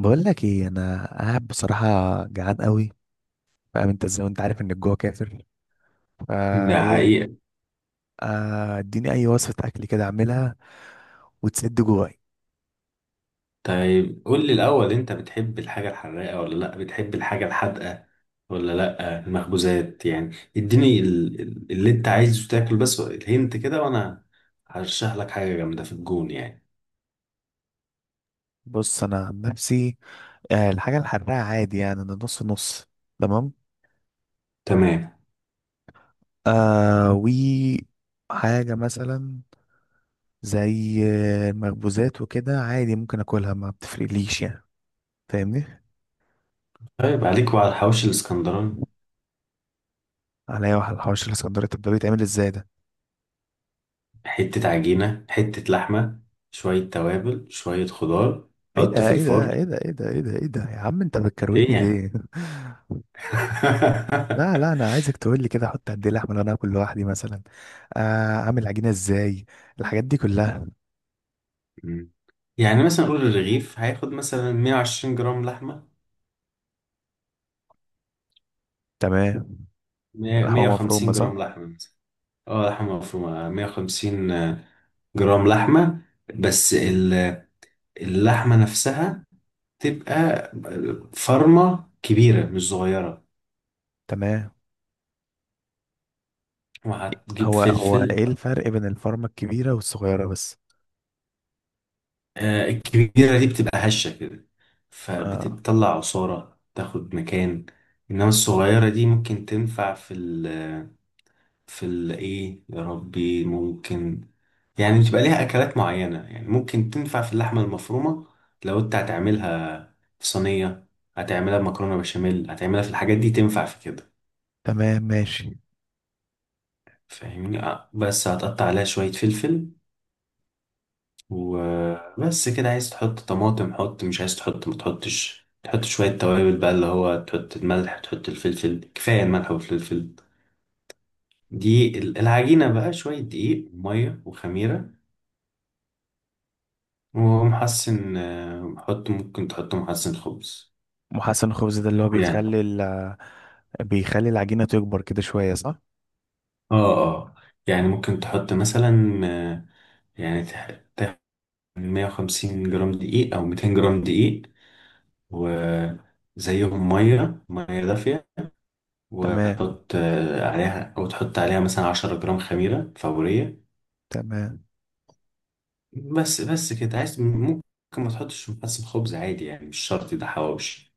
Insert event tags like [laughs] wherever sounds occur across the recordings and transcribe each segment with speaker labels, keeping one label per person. Speaker 1: بقول لك ايه، انا قاعد بصراحه جعان قوي. فاهم انت ازاي وانت عارف ان الجوع كافر؟ فا
Speaker 2: ده
Speaker 1: ايه؟
Speaker 2: حقيقة.
Speaker 1: اديني اي وصفه اكل كده اعملها وتسد جواي.
Speaker 2: طيب، قول لي الأول، أنت بتحب الحاجة الحراقة ولا لأ؟ بتحب الحاجة الحادقة ولا لأ؟ المخبوزات؟ يعني اديني اللي أنت عايزه تاكل بس، الهنت كده وأنا هرشح لك حاجة جامدة في الجون يعني.
Speaker 1: بص، انا عن نفسي الحاجه الحراقه عادي، يعني انا نص نص. تمام.
Speaker 2: تمام.
Speaker 1: آه و حاجه مثلا زي المخبوزات وكده عادي، ممكن اكلها، ما بتفرقليش يعني. فاهمني؟
Speaker 2: طيب، عليك وعلى الحواوشي الإسكندراني.
Speaker 1: عليا واحد الحوش الاسكندريه، طب ده بيتعمل ازاي ده؟
Speaker 2: حتة عجينة، حتة لحمة، شوية توابل، شوية خضار،
Speaker 1: ايه
Speaker 2: حط
Speaker 1: ده
Speaker 2: في
Speaker 1: ايه ده
Speaker 2: الفرن.
Speaker 1: ايه ده ايه ده ايه ده ايه ده، يا عم انت
Speaker 2: إيه
Speaker 1: بتكروتني
Speaker 2: يعني؟
Speaker 1: ليه؟ [laughs] لا
Speaker 2: [laughs]
Speaker 1: لا، انا عايزك تقول لي كده احط قد ايه لحمه لو انا اكل لوحدي مثلا. آه، اعمل عجينه ازاي؟ الحاجات دي كلها.
Speaker 2: يعني مثلا قول الرغيف هياخد مثلا 120 جرام لحمة،
Speaker 1: تمام. لحمه مفرومه
Speaker 2: 150
Speaker 1: صح؟
Speaker 2: جرام لحمة مثلا. اه، لحمة مفرومة، 150 جرام لحمة. بس ال- اللحمة نفسها تبقى فرمة كبيرة مش صغيرة.
Speaker 1: تمام.
Speaker 2: وهتجيب
Speaker 1: هو
Speaker 2: فلفل.
Speaker 1: ايه الفرق بين الفرمه الكبيره والصغيره بس؟
Speaker 2: الكبيرة دي بتبقى هشة كده،
Speaker 1: اه.
Speaker 2: فبتطلع عصارة تاخد مكان. إنما الصغيرة دي ممكن تنفع في ال في ال إيه يا ربي، ممكن يعني بتبقى ليها اكلات معينه. يعني ممكن تنفع في اللحمه المفرومه لو انت هتعملها في صينيه، هتعملها بمكرونه بشاميل، هتعملها في الحاجات دي، تنفع في كده.
Speaker 1: تمام ماشي.
Speaker 2: فاهمني؟ بس هتقطع عليها شويه فلفل وبس كده. عايز تحط طماطم حط، مش عايز تحط ما تحطش. تحط شويه توابل بقى، اللي هو تحط الملح تحط الفلفل، كفايه الملح والفلفل. العجينه بقى، شويه دقيق وميه وخميره ومحسن. حط، ممكن تحط محسن خبز
Speaker 1: محسن الخبز ده اللي هو
Speaker 2: يعني.
Speaker 1: بيخلي بيخلي العجينه تكبر كده شويه صح؟
Speaker 2: اه اه. يعني ممكن تحط مثلا، يعني تاخد 150 جرام دقيق او 200 جرام دقيق، وزيهم ميه ميه دافيه.
Speaker 1: تمام.
Speaker 2: وتحط عليها، او تحط عليها مثلا 10 جرام خميره فوريه.
Speaker 1: تمام.
Speaker 2: بس بس كده، عايز ممكن ما تحطش محسن خبز عادي يعني، مش شرط، ده حواوشي.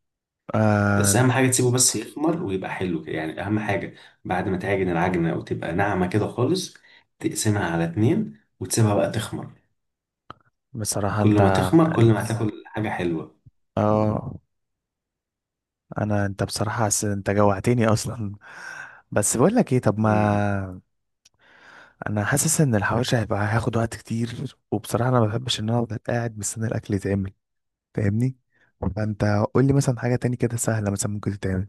Speaker 2: بس
Speaker 1: آه
Speaker 2: اهم حاجه تسيبه بس يخمر ويبقى حلو كده يعني، اهم حاجه. بعد ما تعجن العجنه وتبقى ناعمه كده خالص، تقسمها على اتنين وتسيبها بقى تخمر.
Speaker 1: بصراحه
Speaker 2: كل
Speaker 1: انت،
Speaker 2: ما تخمر كل ما بالظبط هتاكل حاجة حلوة.
Speaker 1: اه، انت بصراحه انت جوعتني اصلا. بس بقول لك ايه، طب
Speaker 2: مم.
Speaker 1: ما انا حاسس ان الحواوشي هيبقى هياخد وقت كتير، وبصراحه انا ما بحبش ان انا افضل قاعد مستني الاكل يتعمل. فاهمني؟ فانت قول لي مثلا حاجه تاني كده سهله مثلا ممكن تتعمل.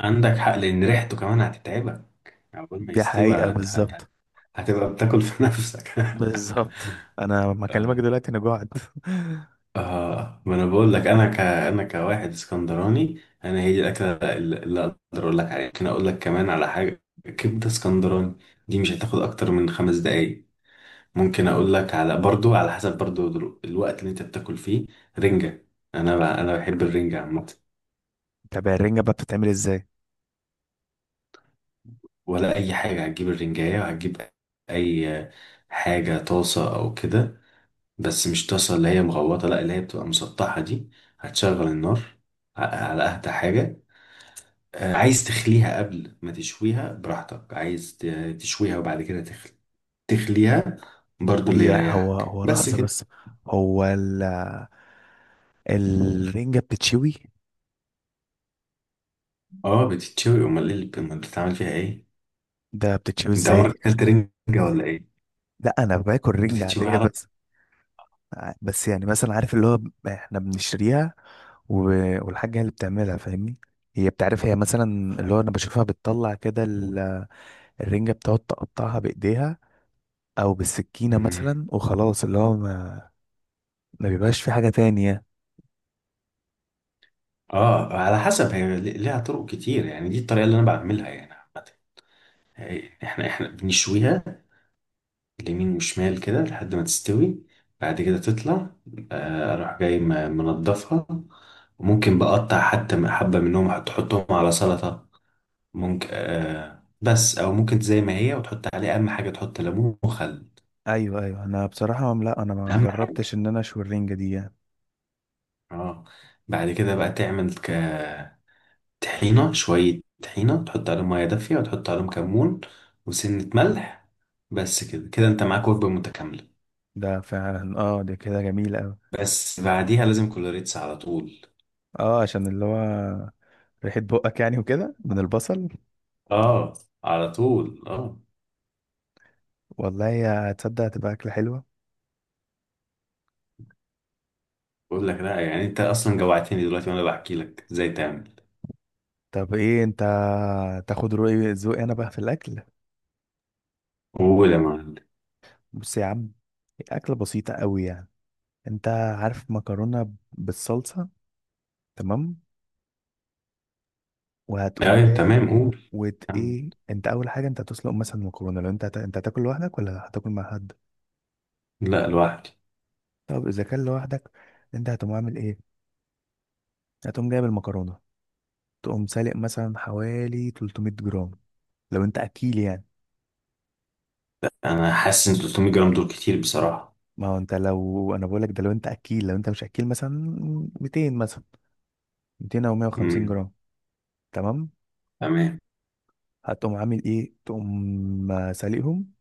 Speaker 2: عندك حق لأن ريحته كمان هتتعبك، يعني أول ما
Speaker 1: دي
Speaker 2: يستوي
Speaker 1: حقيقه بالظبط.
Speaker 2: هتبقى بتاكل في نفسك. [laughs]
Speaker 1: بالظبط. انا ما اكلمك دلوقتي، انا جوعت.
Speaker 2: آه، ما أنا بقول لك، أنا كواحد اسكندراني، أنا هي دي الأكلة اللي أقدر أقول لك عليها. ممكن أقول لك كمان على حاجة: كبدة اسكندراني، دي مش هتاخد أكتر من 5 دقايق. ممكن أقول لك على، برضو على حسب برضو، الوقت اللي أنت بتاكل فيه. رنجة. أنا بحب الرنجة عامة.
Speaker 1: [laughs] طب الرنجه بقى بتتعمل ازاي؟
Speaker 2: ولا اي حاجه. هتجيب الرنجايه، وهتجيب اي حاجه طاسه او كده، بس مش طاسه اللي هي مغوطه، لا اللي هي بتبقى مسطحه دي. هتشغل النار على اهدى حاجه. عايز تخليها قبل ما تشويها براحتك، عايز تشويها وبعد كده تخليها برضو اللي
Speaker 1: هي هو
Speaker 2: يريحك
Speaker 1: هو
Speaker 2: بس
Speaker 1: لحظه بس.
Speaker 2: كده.
Speaker 1: هو الرنجه بتتشوي؟
Speaker 2: اه، بتتشوي، امال ايه اللي امال بتعمل فيها ايه؟
Speaker 1: ده بتتشوي
Speaker 2: انت
Speaker 1: ازاي دي؟
Speaker 2: عمرك اكلت رنجه ولا ايه؟
Speaker 1: لا، انا باكل رنجه
Speaker 2: بتتشوي
Speaker 1: عاديه
Speaker 2: على.
Speaker 1: بس. بس يعني مثلا عارف اللي هو احنا بنشتريها والحاجة هي اللي بتعملها، فاهمني؟ هي بتعرف، هي مثلا، اللي هو انا بشوفها بتطلع كده الرنجة بتقعد تقطعها بايديها او بالسكينة
Speaker 2: مم.
Speaker 1: مثلا، وخلاص اللي هو ما بيبقاش في حاجة تانية.
Speaker 2: اه، على حسب، هي ليها طرق كتير يعني، دي الطريقه اللي انا بعملها يعني عامة. احنا بنشويها اليمين وشمال كده لحد ما تستوي. بعد كده تطلع، اروح جاي منضفها. وممكن بقطع حتى حبة منهم، تحطهم على سلطة. ممكن بس، او ممكن زي ما هي، وتحط عليه اهم حاجة: تحط ليمون وخل.
Speaker 1: ايوه ايوه، انا بصراحة لا، انا ما
Speaker 2: اهم حاجة.
Speaker 1: جربتش ان انا اشوي الرنجة دي يعني.
Speaker 2: اه. بعد كده بقى تعمل ك طحينة، شوية طحينة تحط عليهم مية دافية وتحط عليهم كمون وسنة ملح. بس كده كده انت معاك وجبة متكاملة.
Speaker 1: ده فعلا، اه، ده كده جميل اوي.
Speaker 2: بس بعديها لازم كولوريتس على طول.
Speaker 1: اه، عشان اللي هو ريحة بقك يعني وكده من البصل.
Speaker 2: اه، على طول، اه.
Speaker 1: والله يا تصدق هتبقى أكلة حلوة.
Speaker 2: بقول لك لا، يعني انت اصلا جوعتني دلوقتي وانا بحكي لك ازاي تعمل.
Speaker 1: طب ايه انت، تاخد رأي ذوقي انا بقى في الاكل؟
Speaker 2: قول يا معلم.
Speaker 1: بص يا عم، اكله بسيطه قوي يعني. انت عارف مكرونه بالصلصه؟ تمام. وهتقوم
Speaker 2: ايوه
Speaker 1: جاي،
Speaker 2: تمام، قول. كمل.
Speaker 1: ايه انت، اول حاجه انت هتسلق مثلا مكرونه، لو انت انت هتاكل لوحدك ولا هتاكل مع حد؟
Speaker 2: لا، لوحدي.
Speaker 1: طب اذا كان لوحدك، انت هتقوم عامل ايه؟ هتقوم جايب المكرونه، تقوم سالق مثلا حوالي 300 جرام، لو انت اكيل يعني.
Speaker 2: انا حاسس ان 300 جرام دول كتير بصراحة.
Speaker 1: ما هو انت، لو انا بقول لك ده لو انت اكيل، لو انت مش اكيل مثلا 200 مثلا، 200 او 150
Speaker 2: امم.
Speaker 1: جرام. تمام.
Speaker 2: تمام.
Speaker 1: هتقوم عامل ايه؟ تقوم سالقهم.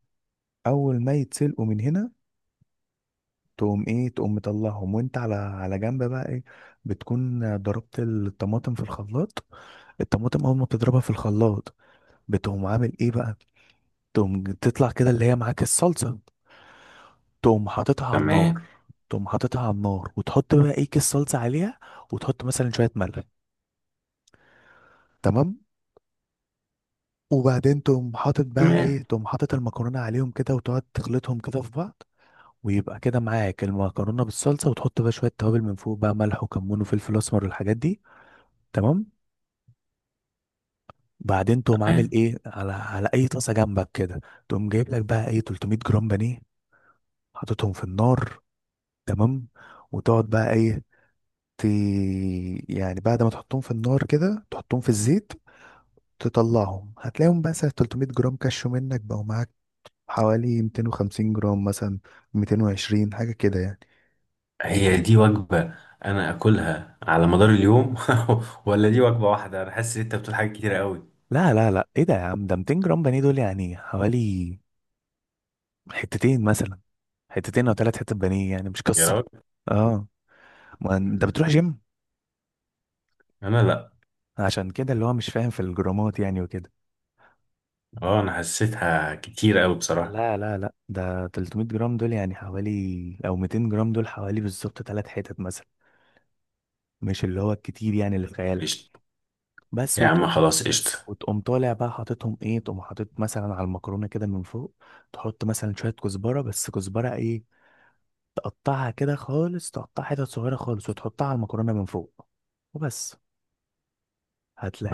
Speaker 1: اول ما يتسلقوا من هنا، تقوم ايه؟ تقوم مطلعهم، وانت على على جنب بقى ايه؟ بتكون ضربت الطماطم في الخلاط. الطماطم اول ما بتضربها في الخلاط، بتقوم عامل ايه بقى؟ تقوم تطلع كده اللي هي معاك الصلصة، تقوم حاططها على النار.
Speaker 2: تمام.
Speaker 1: تقوم حاططها على النار وتحط بقى ايه؟ كيس صلصة عليها، وتحط مثلا شوية ملح. تمام. وبعدين تقوم حاطط بقى
Speaker 2: تمام.
Speaker 1: ايه؟ تقوم حاطط المكرونة عليهم كده وتقعد تخلطهم كده في بعض، ويبقى كده معاك المكرونه بالصلصه. وتحط بقى شويه توابل من فوق، بقى ملح وكمون وفلفل اسمر والحاجات دي. تمام. بعدين تقوم عامل
Speaker 2: تمام.
Speaker 1: ايه؟ على على اي طاسه جنبك كده، تقوم جايب لك بقى ايه؟ 300 جرام بانيه، حاططهم في النار. تمام. وتقعد بقى ايه؟ ت... يعني بعد ما تحطهم في النار كده، تحطهم في الزيت، تطلعهم هتلاقيهم بس 300 جرام كشوا منك، بقوا معاك حوالي 250 جرام مثلا، 220 حاجه كده يعني.
Speaker 2: هي دي وجبة انا اكلها على مدار اليوم؟ [laughs] ولا دي وجبة واحدة؟ انا حاسس ان انت بتقول حاجات كتيرة قوي.
Speaker 1: لا لا لا، ايه ده يا عم؟ ده 200 جرام بانيه دول يعني حوالي حتتين مثلا. حتتين او ثلاث حتت بانيه يعني، مش
Speaker 2: يا
Speaker 1: قصه.
Speaker 2: راجل.
Speaker 1: اه، ما انت
Speaker 2: مم.
Speaker 1: بتروح جيم.
Speaker 2: انا لا.
Speaker 1: عشان كده اللي هو مش فاهم في الجرامات يعني وكده.
Speaker 2: اه، انا حسيتها كتير قوي بصراحة.
Speaker 1: لا لا لا، ده 300 جرام دول يعني حوالي، او 200 جرام دول حوالي بالظبط ثلاث حتت مثلا، مش اللي هو الكتير يعني اللي في خيالك.
Speaker 2: قشطة.
Speaker 1: بس
Speaker 2: يا عم
Speaker 1: وتقوم.
Speaker 2: خلاص قشطة.
Speaker 1: وتقوم طالع بقى حاططهم ايه؟ تقوم حاطط مثلا على المكرونه كده من فوق، تحط مثلا شويه كزبره، بس كزبره ايه؟ تقطعها كده خالص، تقطعها حتت صغيره خالص وتحطها على المكرونه من فوق، وبس.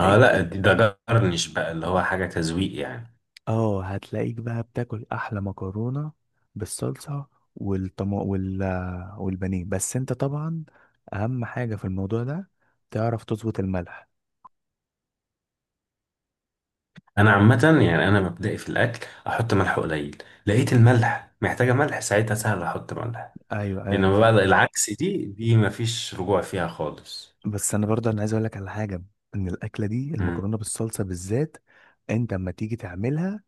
Speaker 2: اه لا، ده جرنش بقى اللي هو حاجة تذويق يعني.
Speaker 1: اه هتلاقيك بقى بتاكل احلى مكرونه بالصلصه والطم... وال... والبانيه. بس انت طبعا، اهم حاجه في الموضوع ده، تعرف تظبط الملح.
Speaker 2: انا عامة، يعني انا مبدئي في الاكل احط ملح قليل، لقيت الملح محتاجة ملح ساعتها سهل احط ملح.
Speaker 1: ايوه ايوه انا
Speaker 2: انما بقى
Speaker 1: فاهم.
Speaker 2: العكس، دي مفيش رجوع فيها خالص.
Speaker 1: بس انا برضه عايز اقول لك على حاجه، ان الاكله دي
Speaker 2: مم.
Speaker 1: المكرونه بالصلصه بالذات، انت اما تيجي تعملها،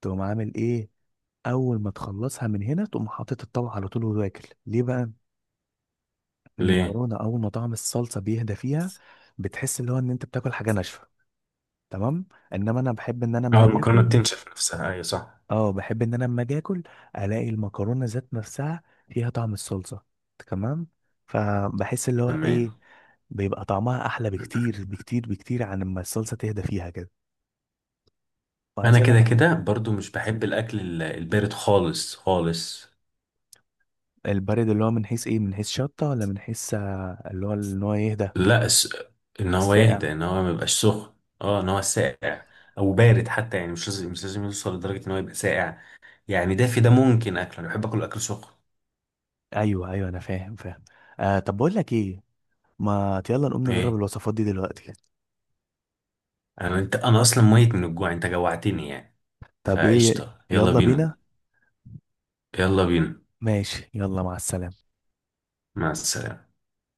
Speaker 1: تقوم عامل ايه؟ اول ما تخلصها من هنا، تقوم حاطط الطبق على طول وتاكل. ليه بقى؟
Speaker 2: ليه؟
Speaker 1: المكرونه اول ما طعم الصلصه بيهدى فيها، بتحس اللي هو ان انت بتاكل حاجه ناشفه. تمام. انما انا بحب ان انا
Speaker 2: اه
Speaker 1: اما اجي
Speaker 2: المكرونة
Speaker 1: اكل،
Speaker 2: بتنشف نفسها، ايوه صح.
Speaker 1: اه، بحب ان انا اما اجي اكل الاقي المكرونه ذات نفسها فيها طعم الصلصه. تمام. فبحس اللي هو ايه؟
Speaker 2: تمام.
Speaker 1: بيبقى طعمها احلى بكتير بكتير بكتير عن لما الصلصه تهدى فيها كده. وعايز
Speaker 2: انا
Speaker 1: اقول
Speaker 2: كده
Speaker 1: لك،
Speaker 2: كده برضو مش بحب الاكل البارد خالص خالص.
Speaker 1: البارد اللي هو من حيث ايه؟ من حيث شطه، ولا من حيث اللي هو ان هو يهدى؟
Speaker 2: لا، ان هو يهدى،
Speaker 1: الساقع.
Speaker 2: ان هو ما يبقاش سخن. اه، ان هو ساقع او بارد حتى، يعني مش لازم مش لازم يوصل لدرجه ان هو يبقى ساقع، يعني دافي ده ممكن اكله، انا بحب اكل اكل سخن.
Speaker 1: ايوه ايوه، انا فاهم فاهم. طب بقول لك ايه، ما يلا نقوم نجرب
Speaker 2: ايه؟
Speaker 1: الوصفات دي دلوقتي.
Speaker 2: انا اصلا ميت من الجوع، انت جوعتني يعني.
Speaker 1: طب ايه؟
Speaker 2: فقشطه، يلا
Speaker 1: يلا
Speaker 2: بينا.
Speaker 1: بينا.
Speaker 2: يلا بينا.
Speaker 1: ماشي، يلا مع السلامه.
Speaker 2: مع السلامه.